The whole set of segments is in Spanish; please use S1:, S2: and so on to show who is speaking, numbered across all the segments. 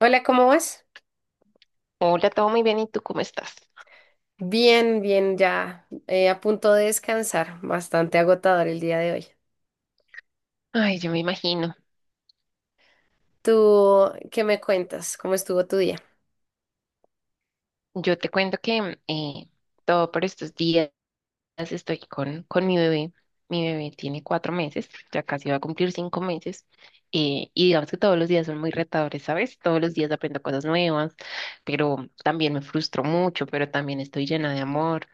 S1: Hola, ¿cómo vas?
S2: Hola, todo muy bien. ¿Y tú cómo estás?
S1: Bien, bien, ya a punto de descansar. Bastante agotador el día de hoy.
S2: Ay, yo me imagino.
S1: ¿Tú qué me cuentas? ¿Cómo estuvo tu día?
S2: Yo te cuento que todo por estos días estoy con mi bebé. Mi bebé tiene 4 meses, ya casi va a cumplir 5 meses. Y digamos que todos los días son muy retadores, ¿sabes? Todos los días aprendo cosas nuevas, pero también me frustro mucho, pero también estoy llena de amor.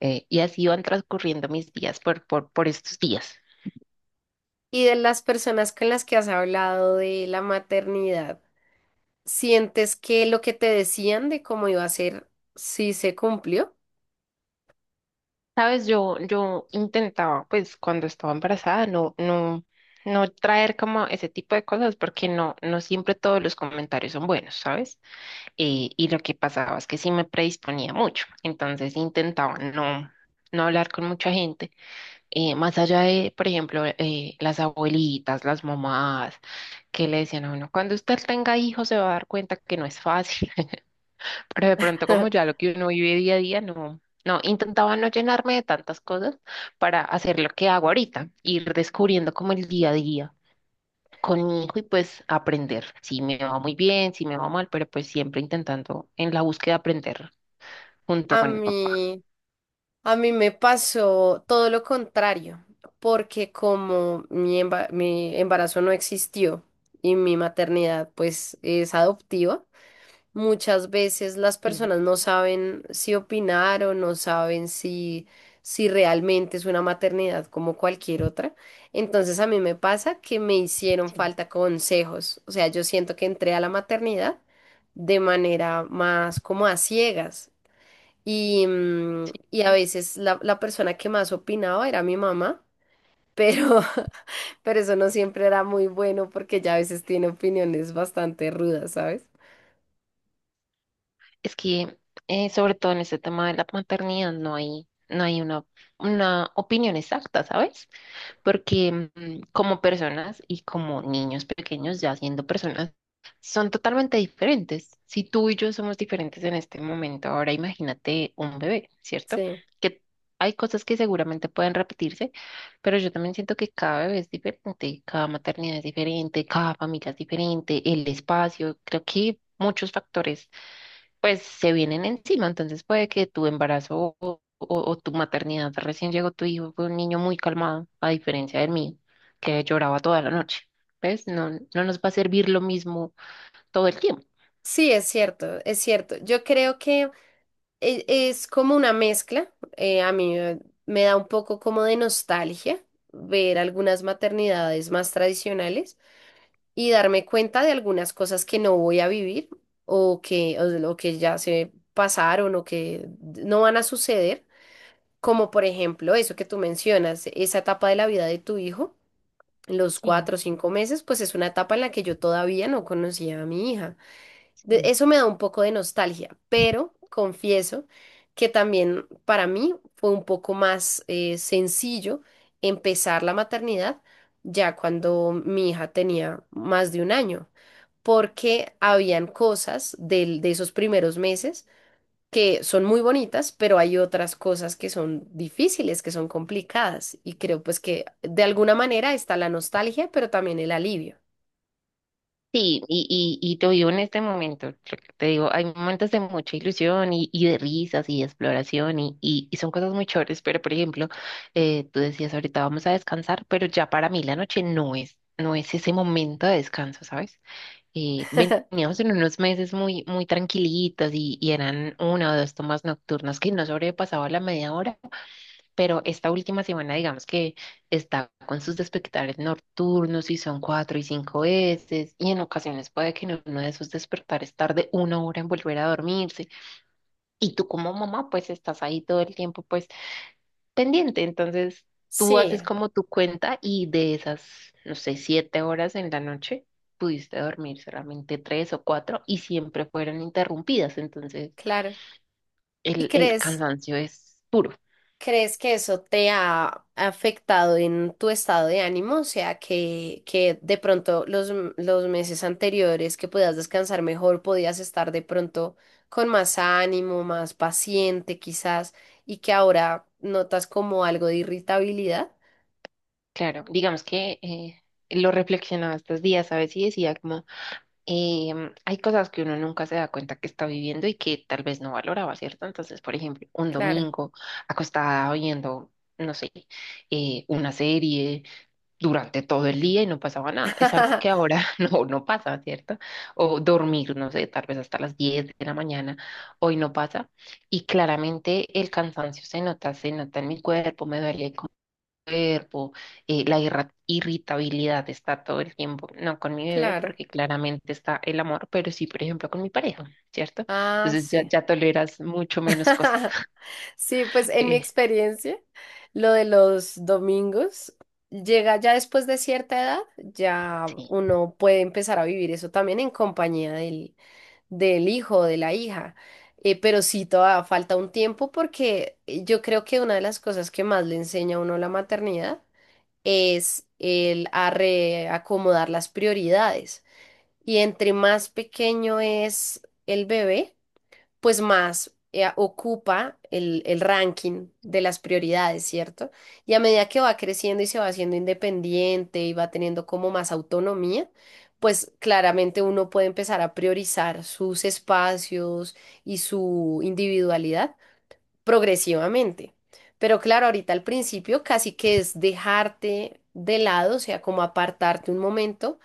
S2: Y así van transcurriendo mis días por estos días.
S1: Y de las personas con las que has hablado de la maternidad, ¿sientes que lo que te decían de cómo iba a ser sí se cumplió?
S2: Sabes, yo intentaba, pues cuando estaba embarazada, no traer como ese tipo de cosas, porque no siempre todos los comentarios son buenos, ¿sabes? Y lo que pasaba es que sí me predisponía mucho. Entonces intentaba no hablar con mucha gente, más allá de, por ejemplo, las abuelitas, las mamás, que le decían a uno, cuando usted tenga hijos se va a dar cuenta que no es fácil. Pero de pronto como ya lo que uno vive día a día, no, no, intentaba no llenarme de tantas cosas para hacer lo que hago ahorita, ir descubriendo como el día a día con mi hijo y pues aprender. Si me va muy bien, si me va mal, pero pues siempre intentando en la búsqueda aprender junto
S1: A
S2: con el papá.
S1: mí, a mí me pasó todo lo contrario, porque como mi embarazo no existió y mi maternidad pues es adoptiva. Muchas veces las
S2: Sí,
S1: personas no saben si opinar o no saben si realmente es una maternidad como cualquier otra. Entonces a mí me pasa que me hicieron
S2: sí,
S1: falta consejos. O sea, yo siento que entré a la maternidad de manera más como a ciegas. Y,
S2: sí.
S1: y a
S2: ¿No?
S1: veces la persona que más opinaba era mi mamá, pero, pero eso no siempre era muy bueno porque ya a veces tiene opiniones bastante rudas, ¿sabes?
S2: Es que sobre todo en este tema de la maternidad no hay una opinión exacta, ¿sabes? Porque como personas y como niños pequeños, ya siendo personas, son totalmente diferentes. Si tú y yo somos diferentes en este momento, ahora imagínate un bebé, ¿cierto?
S1: Sí.
S2: Que hay cosas que seguramente pueden repetirse, pero yo también siento que cada bebé es diferente, cada maternidad es diferente, cada familia es diferente, el espacio, creo que muchos factores pues se vienen encima. Entonces puede que tu embarazo o tu maternidad. Recién llegó tu hijo, fue un niño muy calmado, a diferencia del mío, que lloraba toda la noche. ¿Ves? No nos va a servir lo mismo todo el tiempo.
S1: Sí, es cierto, es cierto. Yo creo que es como una mezcla. A mí, me da un poco como de nostalgia ver algunas maternidades más tradicionales y darme cuenta de algunas cosas que no voy a vivir o o que ya se pasaron o que no van a suceder. Como por ejemplo eso que tú mencionas, esa etapa de la vida de tu hijo, los
S2: Sí,
S1: cuatro o cinco meses, pues es una etapa en la que yo todavía no conocía a mi hija.
S2: sí.
S1: Eso me da un poco de nostalgia, pero confieso que también para mí fue un poco más sencillo empezar la maternidad ya cuando mi hija tenía más de un año, porque habían cosas de esos primeros meses que son muy bonitas, pero hay otras cosas que son difíciles, que son complicadas, y creo pues que de alguna manera está la nostalgia, pero también el alivio.
S2: Sí, y te digo en este momento, lo que te digo, hay momentos de mucha ilusión y de risas y de exploración y son cosas muy chéveres. Pero por ejemplo, tú decías ahorita vamos a descansar, pero ya para mí la noche no es ese momento de descanso, ¿sabes? Veníamos en unos meses muy, muy tranquilitos y eran una o dos tomas nocturnas que no sobrepasaba la media hora. Pero esta última semana, digamos que está con sus despertares nocturnos y son cuatro y cinco veces, y en ocasiones puede que en uno de esos despertares tarde 1 hora en volver a dormirse. Y tú como mamá, pues estás ahí todo el tiempo, pues pendiente. Entonces, tú
S1: Sí,
S2: haces como tu cuenta y de esas, no sé, 7 horas en la noche, pudiste dormir solamente tres o cuatro y siempre fueron interrumpidas. Entonces,
S1: claro. ¿Y
S2: el
S1: crees?
S2: cansancio es puro.
S1: ¿Crees que eso te ha afectado en tu estado de ánimo? O sea, que de pronto los meses anteriores que podías descansar mejor, podías estar de pronto con más ánimo, más paciente quizás, y que ahora notas como algo de irritabilidad.
S2: Claro, digamos que lo reflexionaba estos días, ¿sabes? Y decía como, hay cosas que uno nunca se da cuenta que está viviendo y que tal vez no valoraba, ¿cierto? Entonces, por ejemplo, un
S1: Claro,
S2: domingo acostada oyendo, no sé, una serie durante todo el día y no pasaba nada. Es algo que ahora no pasa, ¿cierto? O dormir, no sé, tal vez hasta las 10 de la mañana, hoy no pasa. Y claramente el cansancio se nota en mi cuerpo, me duele el cuerpo. La irritabilidad está todo el tiempo, no con mi bebé,
S1: claro.
S2: porque claramente está el amor, pero sí, por ejemplo, con mi pareja, ¿cierto?
S1: Ah,
S2: Entonces ya,
S1: sí.
S2: ya toleras mucho menos cosas.
S1: Sí, pues en mi
S2: Eh,
S1: experiencia, lo de los domingos llega ya después de cierta edad, ya
S2: sí.
S1: uno puede empezar a vivir eso también en compañía del hijo o de la hija. Pero sí, todavía falta un tiempo porque yo creo que una de las cosas que más le enseña a uno la maternidad es el a reacomodar las prioridades. Y entre más pequeño es el bebé, pues más ocupa el ranking de las prioridades, ¿cierto? Y a medida que va creciendo y se va haciendo independiente y va teniendo como más autonomía, pues claramente uno puede empezar a priorizar sus espacios y su individualidad progresivamente. Pero claro, ahorita al principio casi que es dejarte de lado, o sea, como apartarte un momento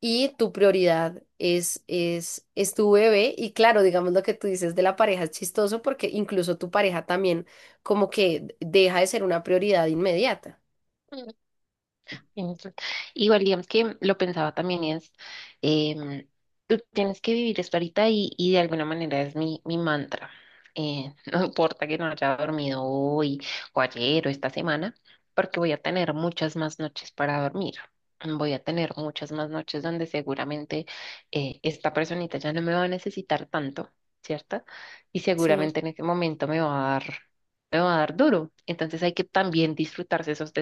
S1: y tu prioridad es tu bebé. Y claro, digamos lo que tú dices de la pareja es chistoso porque incluso tu pareja también como que deja de ser una prioridad inmediata.
S2: Entonces, igual, digamos que lo pensaba también y es, em, tú tienes que vivir esto ahorita y de alguna manera es mi mantra. No importa que no haya dormido hoy o ayer o esta semana, porque voy a tener muchas más noches para dormir. Voy a tener muchas más noches donde seguramente esta personita ya no me va a necesitar tanto, ¿cierto? Y
S1: Sí,
S2: seguramente en ese momento me va a dar duro. Entonces hay que también disfrutarse esos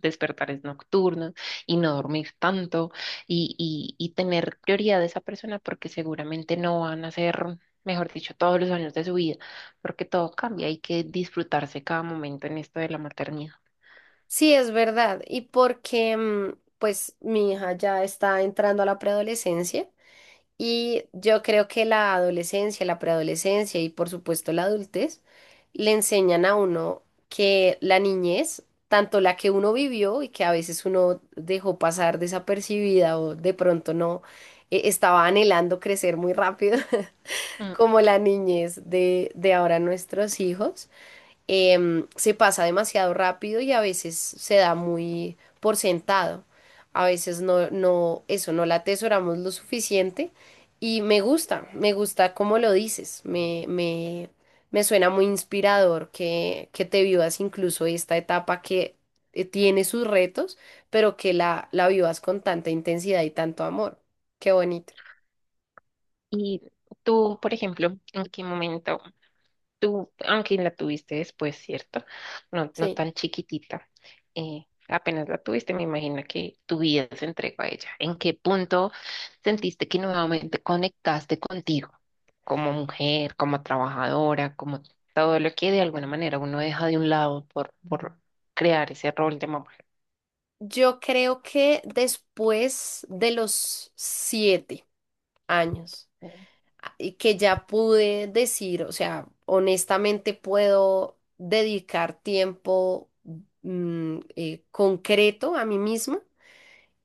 S2: despertares nocturnos y no dormir tanto y tener prioridad de esa persona porque seguramente no van a ser, mejor dicho, todos los años de su vida, porque todo cambia, hay que disfrutarse cada momento en esto de la maternidad.
S1: sí, es verdad. Y porque, mm, pues, mi hija ya está entrando a la preadolescencia. Y yo creo que la adolescencia, la preadolescencia y por supuesto la adultez le enseñan a uno que la niñez, tanto la que uno vivió y que a veces uno dejó pasar desapercibida o de pronto no estaba anhelando crecer muy rápido,
S2: Mm.
S1: como la niñez de ahora nuestros hijos se pasa demasiado rápido y a veces se da muy por sentado. A veces no la atesoramos lo suficiente y me gusta cómo lo dices, me suena muy inspirador que te vivas incluso esta etapa que tiene sus retos, pero que la vivas con tanta intensidad y tanto amor. Qué bonito.
S2: Y tú, por ejemplo, ¿en qué momento? Tú, aunque la tuviste después, ¿cierto? No, no
S1: Sí.
S2: tan chiquitita. Apenas la tuviste, me imagino que tu vida se entregó a ella. ¿En qué punto sentiste que nuevamente conectaste contigo como mujer, como trabajadora, como todo lo que de alguna manera uno deja de un lado por crear ese rol de mamá?
S1: Yo creo que después de los 7 años.
S2: Mm.
S1: Y que ya pude decir, o sea, honestamente puedo dedicar tiempo concreto a mí misma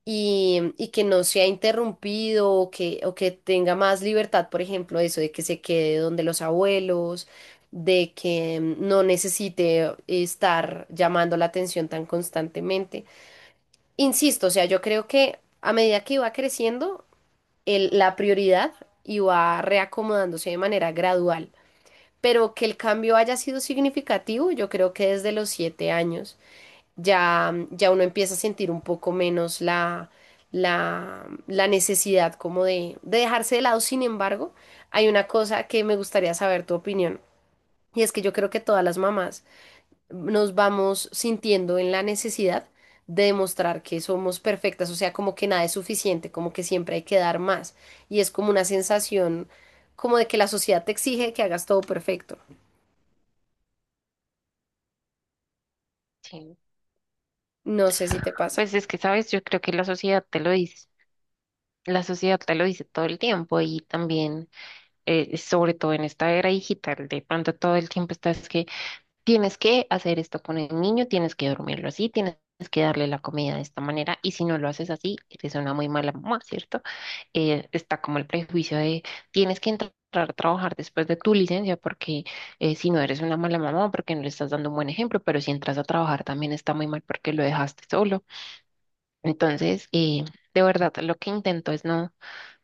S1: y que no sea interrumpido o que tenga más libertad, por ejemplo, eso de que se quede donde los abuelos, de que no necesite estar llamando la atención tan constantemente. Insisto, o sea, yo creo que a medida que iba creciendo, la prioridad y va reacomodándose de manera gradual. Pero que el cambio haya sido significativo, yo creo que desde los 7 años ya, ya uno empieza a sentir un poco menos la necesidad como de dejarse de lado. Sin embargo, hay una cosa que me gustaría saber tu opinión. Y es que yo creo que todas las mamás nos vamos sintiendo en la necesidad de demostrar que somos perfectas, o sea, como que nada es suficiente, como que siempre hay que dar más. Y es como una sensación como de que la sociedad te exige que hagas todo perfecto.
S2: Sí.
S1: No sé si te pasa.
S2: Pues es que, sabes, yo creo que la sociedad te lo dice, la sociedad te lo dice todo el tiempo y también sobre todo en esta era digital, de pronto todo el tiempo estás que tienes que hacer esto con el niño, tienes que dormirlo así, tienes que darle la comida de esta manera y si no lo haces así, eres una muy mala mamá, ¿cierto? Está como el prejuicio de tienes que entrar a trabajar después de tu licencia porque si no eres una mala mamá, porque no le estás dando un buen ejemplo, pero si entras a trabajar también está muy mal porque lo dejaste solo. Entonces, de verdad, lo que intento es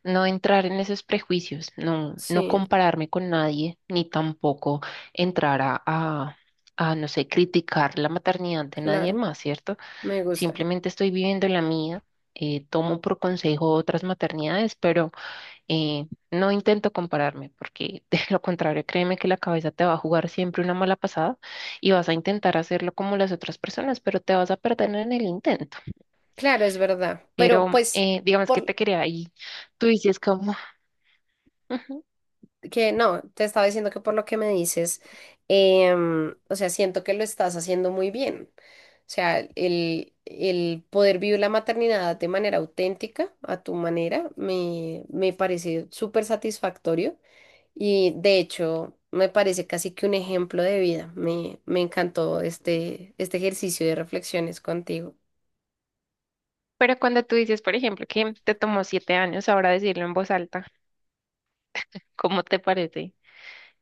S2: no entrar en esos prejuicios, no
S1: Sí,
S2: compararme con nadie, ni tampoco entrar no sé, criticar la maternidad de nadie
S1: claro,
S2: más, ¿cierto?
S1: me gusta.
S2: Simplemente estoy viviendo la mía. Tomo por consejo otras maternidades. Pero no intento compararme, porque de lo contrario, créeme que la cabeza te va a jugar siempre una mala pasada y vas a intentar hacerlo como las otras personas, pero te vas a perder en el intento.
S1: Claro, es verdad. Pero
S2: Pero
S1: pues,
S2: digamos que
S1: por,
S2: te quería ahí, tú dices como...
S1: que no, te estaba diciendo que por lo que me dices, o sea, siento que lo estás haciendo muy bien. O sea, el poder vivir la maternidad de manera auténtica, a tu manera, me parece súper satisfactorio y de hecho me parece casi que un ejemplo de vida. Me encantó este ejercicio de reflexiones contigo.
S2: Pero cuando tú dices, por ejemplo, que te tomó 7 años ahora decirlo en voz alta, ¿cómo te parece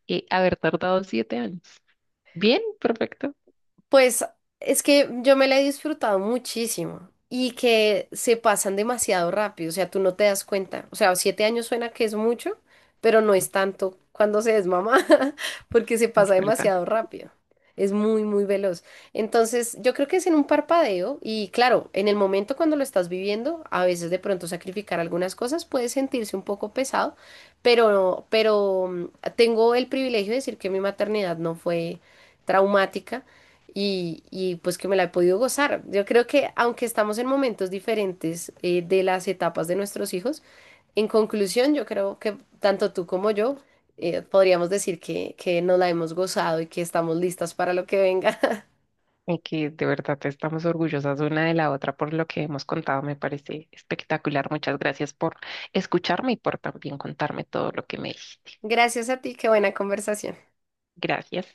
S2: haber tardado 7 años? Bien, perfecto.
S1: Pues es que yo me la he disfrutado muchísimo y que se pasan demasiado rápido, o sea, tú no te das cuenta. O sea, 7 años suena que es mucho, pero no es tanto cuando se es mamá, porque se pasa
S2: Es verdad.
S1: demasiado rápido. Es muy, muy veloz. Entonces, yo creo que es en un parpadeo y claro, en el momento cuando lo estás viviendo, a veces de pronto sacrificar algunas cosas puede sentirse un poco pesado, pero mm, tengo el privilegio de decir que mi maternidad no fue traumática y, pues que me la he podido gozar. Yo creo que aunque estamos en momentos diferentes de las etapas de nuestros hijos, en conclusión yo creo que tanto tú como yo podríamos decir que nos la hemos gozado y que estamos listas para lo que venga.
S2: Y que de verdad estamos orgullosas una de la otra por lo que hemos contado. Me parece espectacular. Muchas gracias por escucharme y por también contarme todo lo que me dijiste.
S1: Gracias a ti, qué buena conversación.
S2: Gracias.